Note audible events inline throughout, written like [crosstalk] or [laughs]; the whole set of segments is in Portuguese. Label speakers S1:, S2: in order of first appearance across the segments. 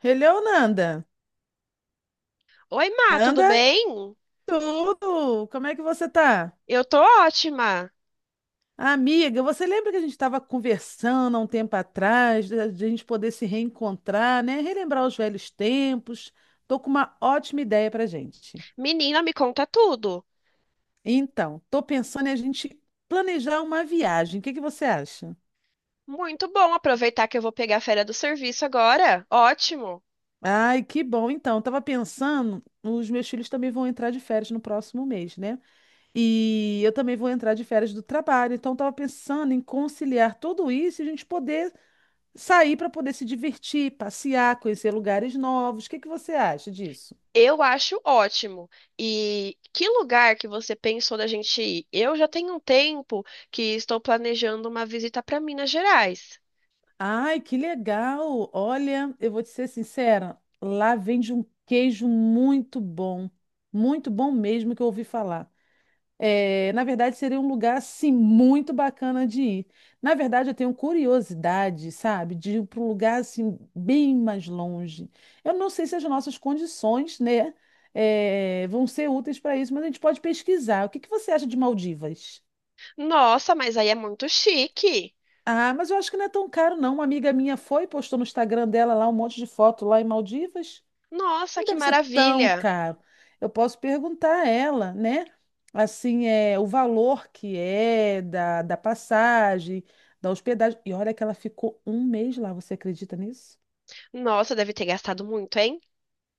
S1: Hello, Nanda.
S2: Oi, Má, tudo
S1: Nanda,
S2: bem?
S1: tudo? Como é que você tá?
S2: Eu tô ótima.
S1: Amiga, você lembra que a gente estava conversando há um tempo atrás, da de a gente poder se reencontrar, né? Relembrar os velhos tempos. Tô com uma ótima ideia pra gente.
S2: Menina, me conta tudo.
S1: Então, tô pensando em a gente planejar uma viagem. O que que você acha?
S2: Muito bom aproveitar que eu vou pegar a férias do serviço agora. Ótimo.
S1: Ai, que bom. Então, eu tava pensando, os meus filhos também vão entrar de férias no próximo mês, né? E eu também vou entrar de férias do trabalho, então estava pensando em conciliar tudo isso e a gente poder sair para poder se divertir, passear, conhecer lugares novos. O que que você acha disso?
S2: Eu acho ótimo. E que lugar que você pensou da gente ir? Eu já tenho um tempo que estou planejando uma visita para Minas Gerais.
S1: Ai, que legal! Olha, eu vou te ser sincera, lá vende um queijo muito bom mesmo que eu ouvi falar. É, na verdade, seria um lugar assim muito bacana de ir. Na verdade, eu tenho curiosidade, sabe, de ir para um lugar assim bem mais longe. Eu não sei se as nossas condições, né, vão ser úteis para isso, mas a gente pode pesquisar. O que que você acha de Maldivas?
S2: Nossa, mas aí é muito chique.
S1: Ah, mas eu acho que não é tão caro, não. Uma amiga minha foi, postou no Instagram dela lá um monte de foto lá em Maldivas.
S2: Nossa,
S1: Não
S2: que
S1: deve ser tão
S2: maravilha.
S1: caro. Eu posso perguntar a ela, né? Assim, é o valor que é da passagem, da hospedagem. E olha que ela ficou um mês lá, você acredita nisso?
S2: Nossa, deve ter gastado muito, hein?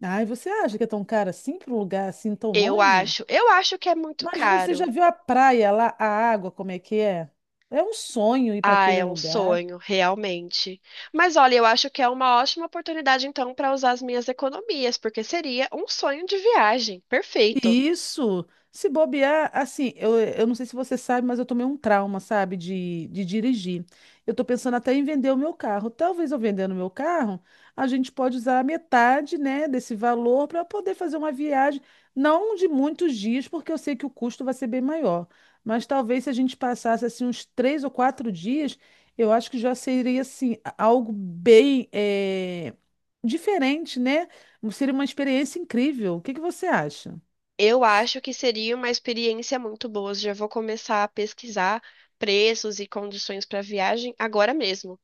S1: Ai, você acha que é tão caro assim para um lugar assim tão
S2: Eu
S1: longe?
S2: acho. Eu acho que é muito
S1: Mas você já
S2: caro.
S1: viu a praia lá, a água, como é que é? É um sonho ir para
S2: Ah,
S1: aquele
S2: é um
S1: lugar.
S2: sonho, realmente. Mas olha, eu acho que é uma ótima oportunidade então para usar as minhas economias, porque seria um sonho de viagem. Perfeito.
S1: Isso, se bobear, assim, eu não sei se você sabe, mas eu tomei um trauma, sabe, de dirigir. Eu tô pensando até em vender o meu carro. Talvez eu vendendo o meu carro, a gente pode usar a metade, né, desse valor para poder fazer uma viagem, não de muitos dias, porque eu sei que o custo vai ser bem maior. Mas talvez se a gente passasse, assim, uns 3 ou 4 dias, eu acho que já seria, assim, algo bem, diferente, né? Seria uma experiência incrível. O que que você acha?
S2: Eu acho que seria uma experiência muito boa. Já vou começar a pesquisar preços e condições para viagem agora mesmo.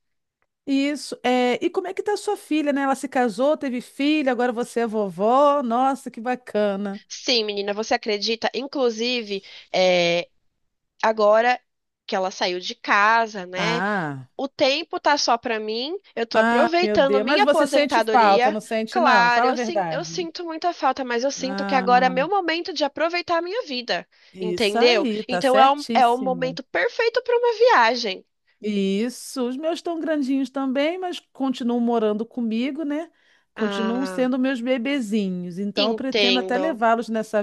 S1: Isso. É, e como é que tá sua filha, né? Ela se casou, teve filho, agora você é vovó. Nossa, que bacana.
S2: Sim, menina, você acredita? Inclusive, é, agora que ela saiu de casa, né?
S1: Ah,
S2: O tempo tá só pra mim, eu tô
S1: ah, meu
S2: aproveitando
S1: Deus. Mas
S2: minha
S1: você sente falta,
S2: aposentadoria.
S1: não sente, não?
S2: Claro,
S1: Fala a
S2: eu, eu
S1: verdade.
S2: sinto muita falta, mas eu sinto que
S1: Ah,
S2: agora é meu momento de aproveitar a minha vida,
S1: isso
S2: entendeu?
S1: aí, tá
S2: Então é é o
S1: certíssimo.
S2: momento perfeito pra uma viagem.
S1: Isso. Os meus estão grandinhos também, mas continuam morando comigo, né? Continuam
S2: Ah,
S1: sendo meus bebezinhos. Então, eu pretendo até
S2: entendo.
S1: levá-los nessa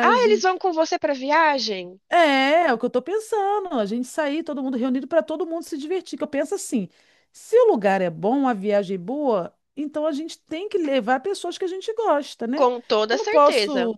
S2: Ah, eles vão com você pra viagem?
S1: É, é o que eu tô pensando. A gente sair, todo mundo reunido para todo mundo se divertir. Que eu penso assim, se o lugar é bom, a viagem é boa, então a gente tem que levar pessoas que a gente gosta, né?
S2: Com
S1: Eu
S2: toda
S1: não
S2: certeza.
S1: posso,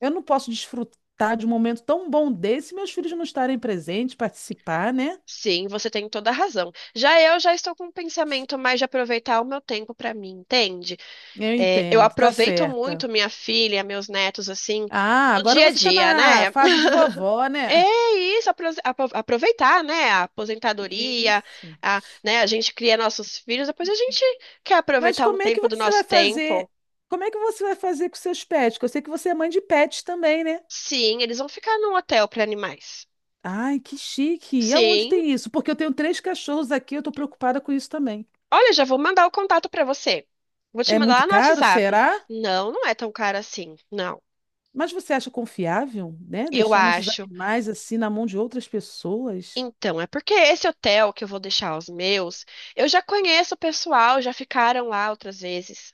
S1: eu não posso desfrutar de um momento tão bom desse se meus filhos não estarem presentes, participar, né?
S2: Sim, você tem toda a razão. Já eu já estou com um pensamento mais de aproveitar o meu tempo pra mim, entende?
S1: Eu
S2: É, eu
S1: entendo, tá
S2: aproveito
S1: certa.
S2: muito minha filha, meus netos, assim,
S1: Ah,
S2: no
S1: agora
S2: dia a
S1: você tá
S2: dia,
S1: na
S2: né?
S1: fase de
S2: [laughs]
S1: vovó, né?
S2: É isso, aproveitar, né? A aposentadoria,
S1: Isso.
S2: a, né? A gente cria nossos filhos, depois a gente quer
S1: Mas
S2: aproveitar um
S1: como é que
S2: tempo do
S1: você vai
S2: nosso
S1: fazer?
S2: tempo.
S1: Como é que você vai fazer com seus pets? Porque eu sei que você é mãe de pets também, né?
S2: Sim, eles vão ficar num hotel para animais.
S1: Ai, que chique! E aonde
S2: Sim.
S1: tem isso? Porque eu tenho 3 cachorros aqui, eu tô preocupada com isso também.
S2: Olha, já vou mandar o contato para você. Vou te
S1: É
S2: mandar
S1: muito
S2: lá no
S1: caro,
S2: WhatsApp.
S1: será?
S2: Não, não é tão caro assim. Não.
S1: Mas você acha confiável, né?
S2: Eu
S1: Deixar nossos
S2: acho.
S1: animais assim na mão de outras pessoas?
S2: Então, é porque esse hotel que eu vou deixar os meus, eu já conheço o pessoal, já ficaram lá outras vezes.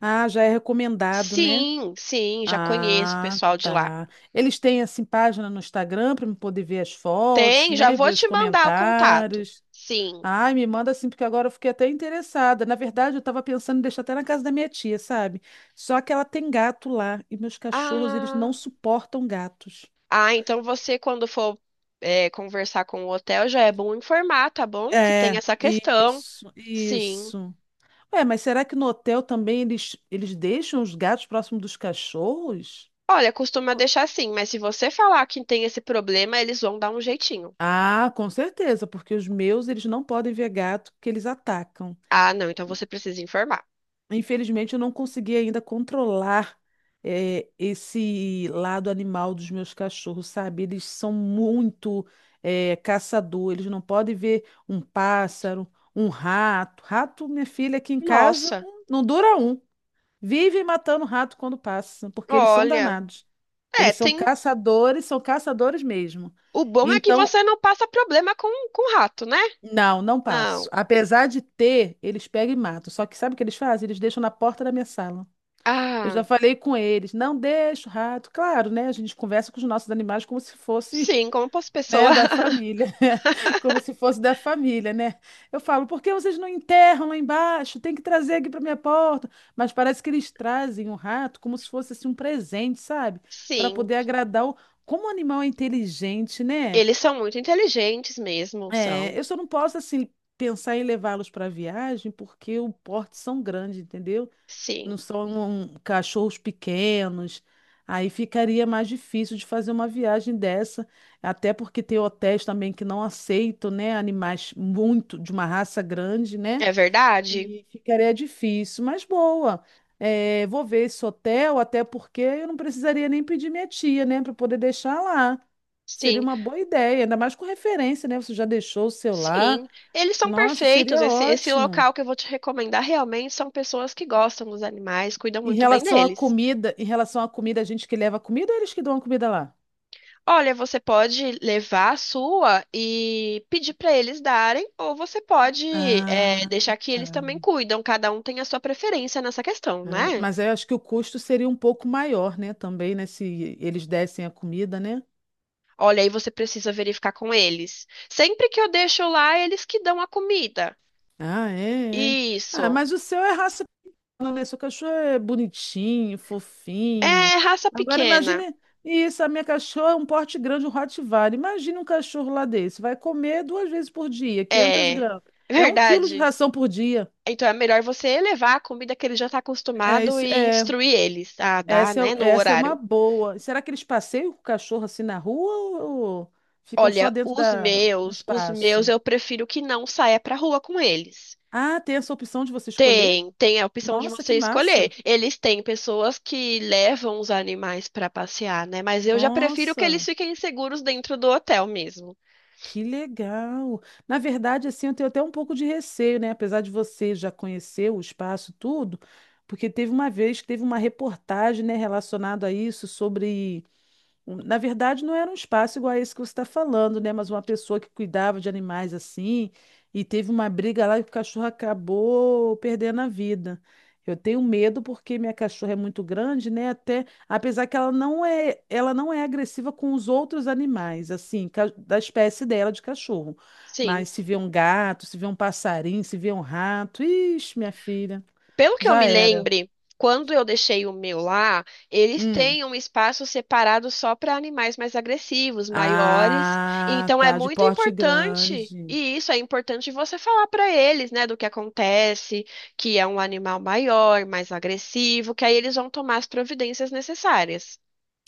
S1: Ah, já é recomendado, né?
S2: Sim, sim, já conheço o
S1: Ah,
S2: pessoal de lá.
S1: tá. Eles têm assim página no Instagram para eu poder ver as fotos,
S2: Tem, já
S1: né?
S2: vou
S1: Ver os
S2: te mandar o contato.
S1: comentários.
S2: Sim.
S1: Ai, me manda assim, porque agora eu fiquei até interessada. Na verdade, eu estava pensando em deixar até na casa da minha tia, sabe? Só que ela tem gato lá e meus cachorros, eles
S2: Ah,
S1: não suportam gatos.
S2: ah, então você, quando for, conversar com o hotel, já é bom informar, tá bom? Que tem
S1: É,
S2: essa questão.
S1: isso,
S2: Sim.
S1: isso. Ué, mas será que no hotel também eles deixam os gatos próximo dos cachorros?
S2: Olha, costuma
S1: Co-
S2: deixar assim, mas se você falar que tem esse problema, eles vão dar um jeitinho.
S1: Ah, com certeza, porque os meus, eles não podem ver gato que eles atacam.
S2: Ah, não, então você precisa informar.
S1: Infelizmente, eu não consegui ainda controlar esse lado animal dos meus cachorros, sabe? Eles são muito caçador, eles não podem ver um pássaro, um rato. Rato, minha filha, aqui em casa,
S2: Nossa,
S1: não dura um. Vivem matando rato quando passa, porque eles são
S2: olha.
S1: danados.
S2: É,
S1: Eles
S2: tem.
S1: são caçadores mesmo.
S2: O bom é que
S1: Então,
S2: você não passa problema com rato, né?
S1: não, não passo.
S2: Não.
S1: Apesar de ter, eles pegam e matam. Só que sabe o que eles fazem? Eles deixam na porta da minha sala. Eu
S2: Ah,
S1: já falei com eles, não deixa o rato. Claro, né? A gente conversa com os nossos animais como se fosse,
S2: sim, como posso
S1: né,
S2: pessoa.
S1: da
S2: [laughs]
S1: família, [laughs] como se fosse da família, né? Eu falo, por que vocês não enterram lá embaixo? Tem que trazer aqui para minha porta. Mas parece que eles trazem o rato como se fosse assim um presente, sabe? Para
S2: Sim.
S1: poder agradar o... Como o animal é inteligente, né?
S2: Eles são muito inteligentes mesmo, são.
S1: É, eu só não posso assim pensar em levá-los para viagem porque o porte são grandes, entendeu? Não
S2: Sim.
S1: são um, cachorros pequenos. Aí ficaria mais difícil de fazer uma viagem dessa, até porque tem hotéis também que não aceitam, né, animais muito de uma raça grande, né?
S2: É verdade?
S1: E ficaria difícil, mas boa. É, vou ver esse hotel, até porque eu não precisaria nem pedir minha tia, né, para poder deixar lá. Seria
S2: Sim.
S1: uma boa ideia, ainda mais com referência, né? Você já deixou o seu lá.
S2: Sim. Eles são
S1: Nossa,
S2: perfeitos.
S1: seria
S2: Esse
S1: ótimo.
S2: local que eu vou te recomendar realmente são pessoas que gostam dos animais, cuidam
S1: Em
S2: muito bem
S1: relação à
S2: deles.
S1: comida, em relação à comida, a gente que leva a comida ou eles que dão a comida lá?
S2: Olha, você pode levar a sua e pedir para eles darem, ou você pode
S1: Ah,
S2: deixar que eles
S1: tá.
S2: também cuidam. Cada um tem a sua preferência nessa questão,
S1: Ah,
S2: né?
S1: mas eu acho que o custo seria um pouco maior, né? Também, né? Se eles dessem a comida, né?
S2: Olha, aí você precisa verificar com eles. Sempre que eu deixo lá, eles que dão a comida.
S1: Ah, é, é. Ah,
S2: Isso.
S1: mas o seu é raça, não, né? Seu cachorro é bonitinho, fofinho.
S2: É raça
S1: Agora
S2: pequena.
S1: imagine isso, a minha cachorra é um porte grande, um Rottweiler. Imagina um cachorro lá desse. Vai comer duas vezes por dia, 500
S2: É
S1: gramas.
S2: [laughs]
S1: É 1 quilo de
S2: verdade.
S1: ração por dia.
S2: Então é melhor você levar a comida que ele já está
S1: É
S2: acostumado
S1: isso,
S2: e
S1: é.
S2: instruir eles a dar,
S1: Essa
S2: né, no
S1: é, essa é uma
S2: horário.
S1: boa. Será que eles passeiam com o cachorro assim na rua ou ficam só
S2: Olha,
S1: dentro do
S2: os meus
S1: espaço?
S2: eu prefiro que não saia pra rua com eles.
S1: Ah, tem essa opção de você escolher?
S2: Tem, tem a opção de
S1: Nossa, que
S2: você escolher.
S1: massa!
S2: Eles têm pessoas que levam os animais pra passear, né? Mas eu já prefiro que eles
S1: Nossa,
S2: fiquem seguros dentro do hotel mesmo.
S1: que legal! Na verdade, assim, eu tenho até um pouco de receio, né? Apesar de você já conhecer o espaço, tudo, porque teve uma vez que teve uma reportagem, né, relacionada a isso, sobre Na verdade, não era um espaço igual a esse que você está falando, né? Mas uma pessoa que cuidava de animais assim, e teve uma briga lá e o cachorro acabou perdendo a vida. Eu tenho medo porque minha cachorra é muito grande, né? Até, apesar que ela não é agressiva com os outros animais, assim, da espécie dela de cachorro.
S2: Sim.
S1: Mas se vê um gato, se vê um passarinho, se vê um rato, ixi, minha filha,
S2: Pelo que eu
S1: já
S2: me
S1: era.
S2: lembre, quando eu deixei o meu lá, eles
S1: Hum.
S2: têm um espaço separado só para animais mais agressivos, maiores.
S1: Ah,
S2: Então é
S1: tá, de
S2: muito
S1: porte
S2: importante,
S1: grande.
S2: e isso é importante você falar para eles, né, do que acontece, que é um animal maior, mais agressivo, que aí eles vão tomar as providências necessárias.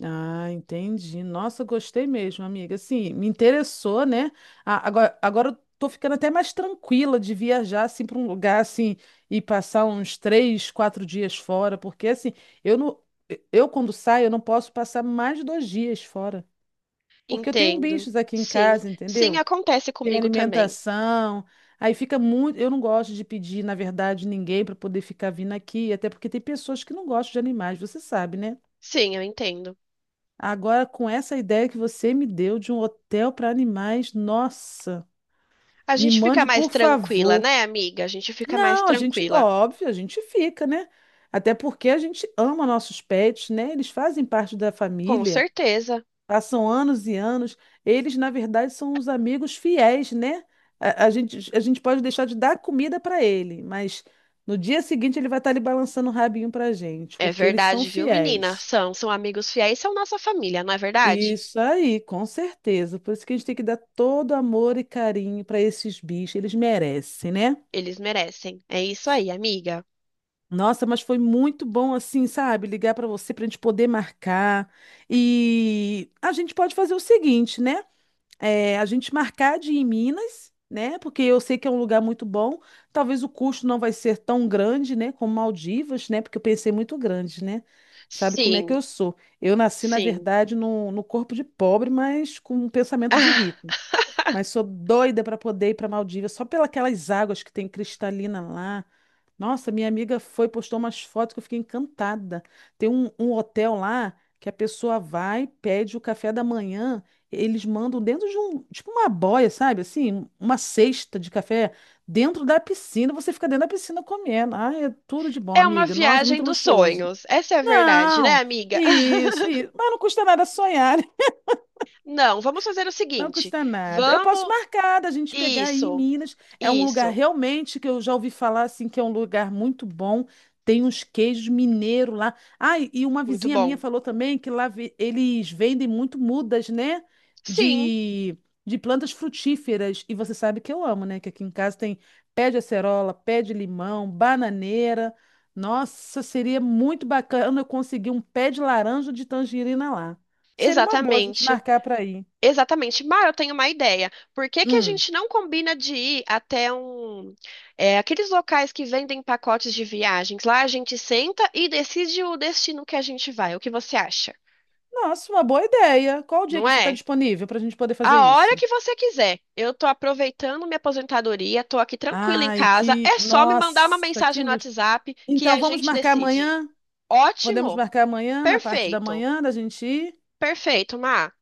S1: Ah, entendi. Nossa, gostei mesmo, amiga. Assim, me interessou, né? Agora eu tô ficando até mais tranquila de viajar assim para um lugar assim e passar uns 3, 4 dias fora, porque assim, eu não, eu quando saio eu não posso passar mais de 2 dias fora, porque eu tenho
S2: Entendo.
S1: bichos aqui em
S2: Sim,
S1: casa,
S2: sim,
S1: entendeu?
S2: acontece
S1: Tem
S2: comigo também.
S1: alimentação, aí fica muito. Eu não gosto de pedir, na verdade, ninguém para poder ficar vindo aqui, até porque tem pessoas que não gostam de animais, você sabe, né?
S2: Sim, eu entendo.
S1: Agora, com essa ideia que você me deu de um hotel para animais, nossa,
S2: A
S1: me
S2: gente fica
S1: mande,
S2: mais
S1: por
S2: tranquila,
S1: favor.
S2: né, amiga? A gente fica mais
S1: Não, a gente,
S2: tranquila.
S1: óbvio, a gente fica, né? Até porque a gente ama nossos pets, né? Eles fazem parte da
S2: Com
S1: família,
S2: certeza.
S1: passam anos e anos. Eles, na verdade, são os amigos fiéis, né? A gente pode deixar de dar comida para ele, mas no dia seguinte ele vai estar ali balançando o rabinho para gente,
S2: É
S1: porque eles são
S2: verdade, viu, menina?
S1: fiéis.
S2: São, são amigos fiéis, são nossa família, não é verdade?
S1: Isso aí, com certeza. Por isso que a gente tem que dar todo amor e carinho para esses bichos, eles merecem, né?
S2: Eles merecem. É isso aí, amiga.
S1: Nossa, mas foi muito bom assim, sabe? Ligar para você para a gente poder marcar. E a gente pode fazer o seguinte, né? É, a gente marcar de ir em Minas, né? Porque eu sei que é um lugar muito bom. Talvez o custo não vai ser tão grande, né? Como Maldivas, né? Porque eu pensei muito grande, né? Sabe como é
S2: Sim,
S1: que eu sou? Eu nasci, na
S2: sim.
S1: verdade, no corpo de pobre, mas com um pensamento de
S2: [laughs]
S1: rico.
S2: Ah,
S1: Mas sou doida para poder ir para Maldivas, só pelas águas que tem cristalina lá. Nossa, minha amiga foi, postou umas fotos que eu fiquei encantada. Tem um hotel lá que a pessoa vai, pede o café da manhã, eles mandam dentro de um, tipo uma boia, sabe? Assim, uma cesta de café dentro da piscina, você fica dentro da piscina comendo. Ai, é tudo de bom,
S2: é uma
S1: amiga. Nossa,
S2: viagem
S1: muito
S2: dos
S1: luxuoso.
S2: sonhos. Essa é a verdade, né,
S1: Não,
S2: amiga?
S1: isso, isso.
S2: [laughs]
S1: Mas não custa nada sonhar.
S2: Não, vamos fazer o
S1: Não
S2: seguinte.
S1: custa nada. Eu posso
S2: Vamos.
S1: marcar da gente pegar aí em
S2: Isso,
S1: Minas. É um lugar
S2: isso.
S1: realmente que eu já ouvi falar assim que é um lugar muito bom. Tem uns queijos mineiros lá. Ah, e uma
S2: Muito
S1: vizinha minha
S2: bom.
S1: falou também que lá eles vendem muito mudas, né?
S2: Sim,
S1: De, de plantas frutíferas. E você sabe que eu amo, né? Que aqui em casa tem pé de acerola, pé de limão, bananeira. Nossa, seria muito bacana eu conseguir um pé de laranja de tangerina lá. Seria uma boa a gente
S2: exatamente.
S1: marcar para ir.
S2: Exatamente. Mar, eu tenho uma ideia. Por que que a
S1: Hum.
S2: gente não combina de ir até aqueles locais que vendem pacotes de viagens? Lá a gente senta e decide o destino que a gente vai. O que você acha?
S1: Nossa, uma boa ideia. Qual o dia
S2: Não
S1: que você está
S2: é?
S1: disponível para a gente poder fazer
S2: A hora
S1: isso?
S2: que você quiser. Eu tô aproveitando minha aposentadoria, tô aqui tranquila em
S1: Ai,
S2: casa.
S1: que.
S2: É só me mandar uma
S1: Nossa, que
S2: mensagem no
S1: luz.
S2: WhatsApp que
S1: Então,
S2: a
S1: vamos
S2: gente
S1: marcar
S2: decide.
S1: amanhã? Podemos
S2: Ótimo.
S1: marcar amanhã, na parte da
S2: Perfeito.
S1: manhã, da gente ir?
S2: Perfeito, Mar.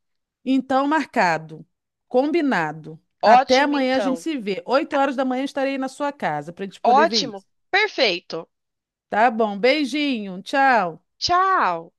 S1: Então, marcado. Combinado. Até
S2: Ótimo,
S1: amanhã a gente
S2: então.
S1: se vê. 8 horas da manhã estarei na sua casa para a gente poder ver
S2: Ótimo.
S1: isso.
S2: Perfeito.
S1: Tá bom. Beijinho. Tchau.
S2: Tchau.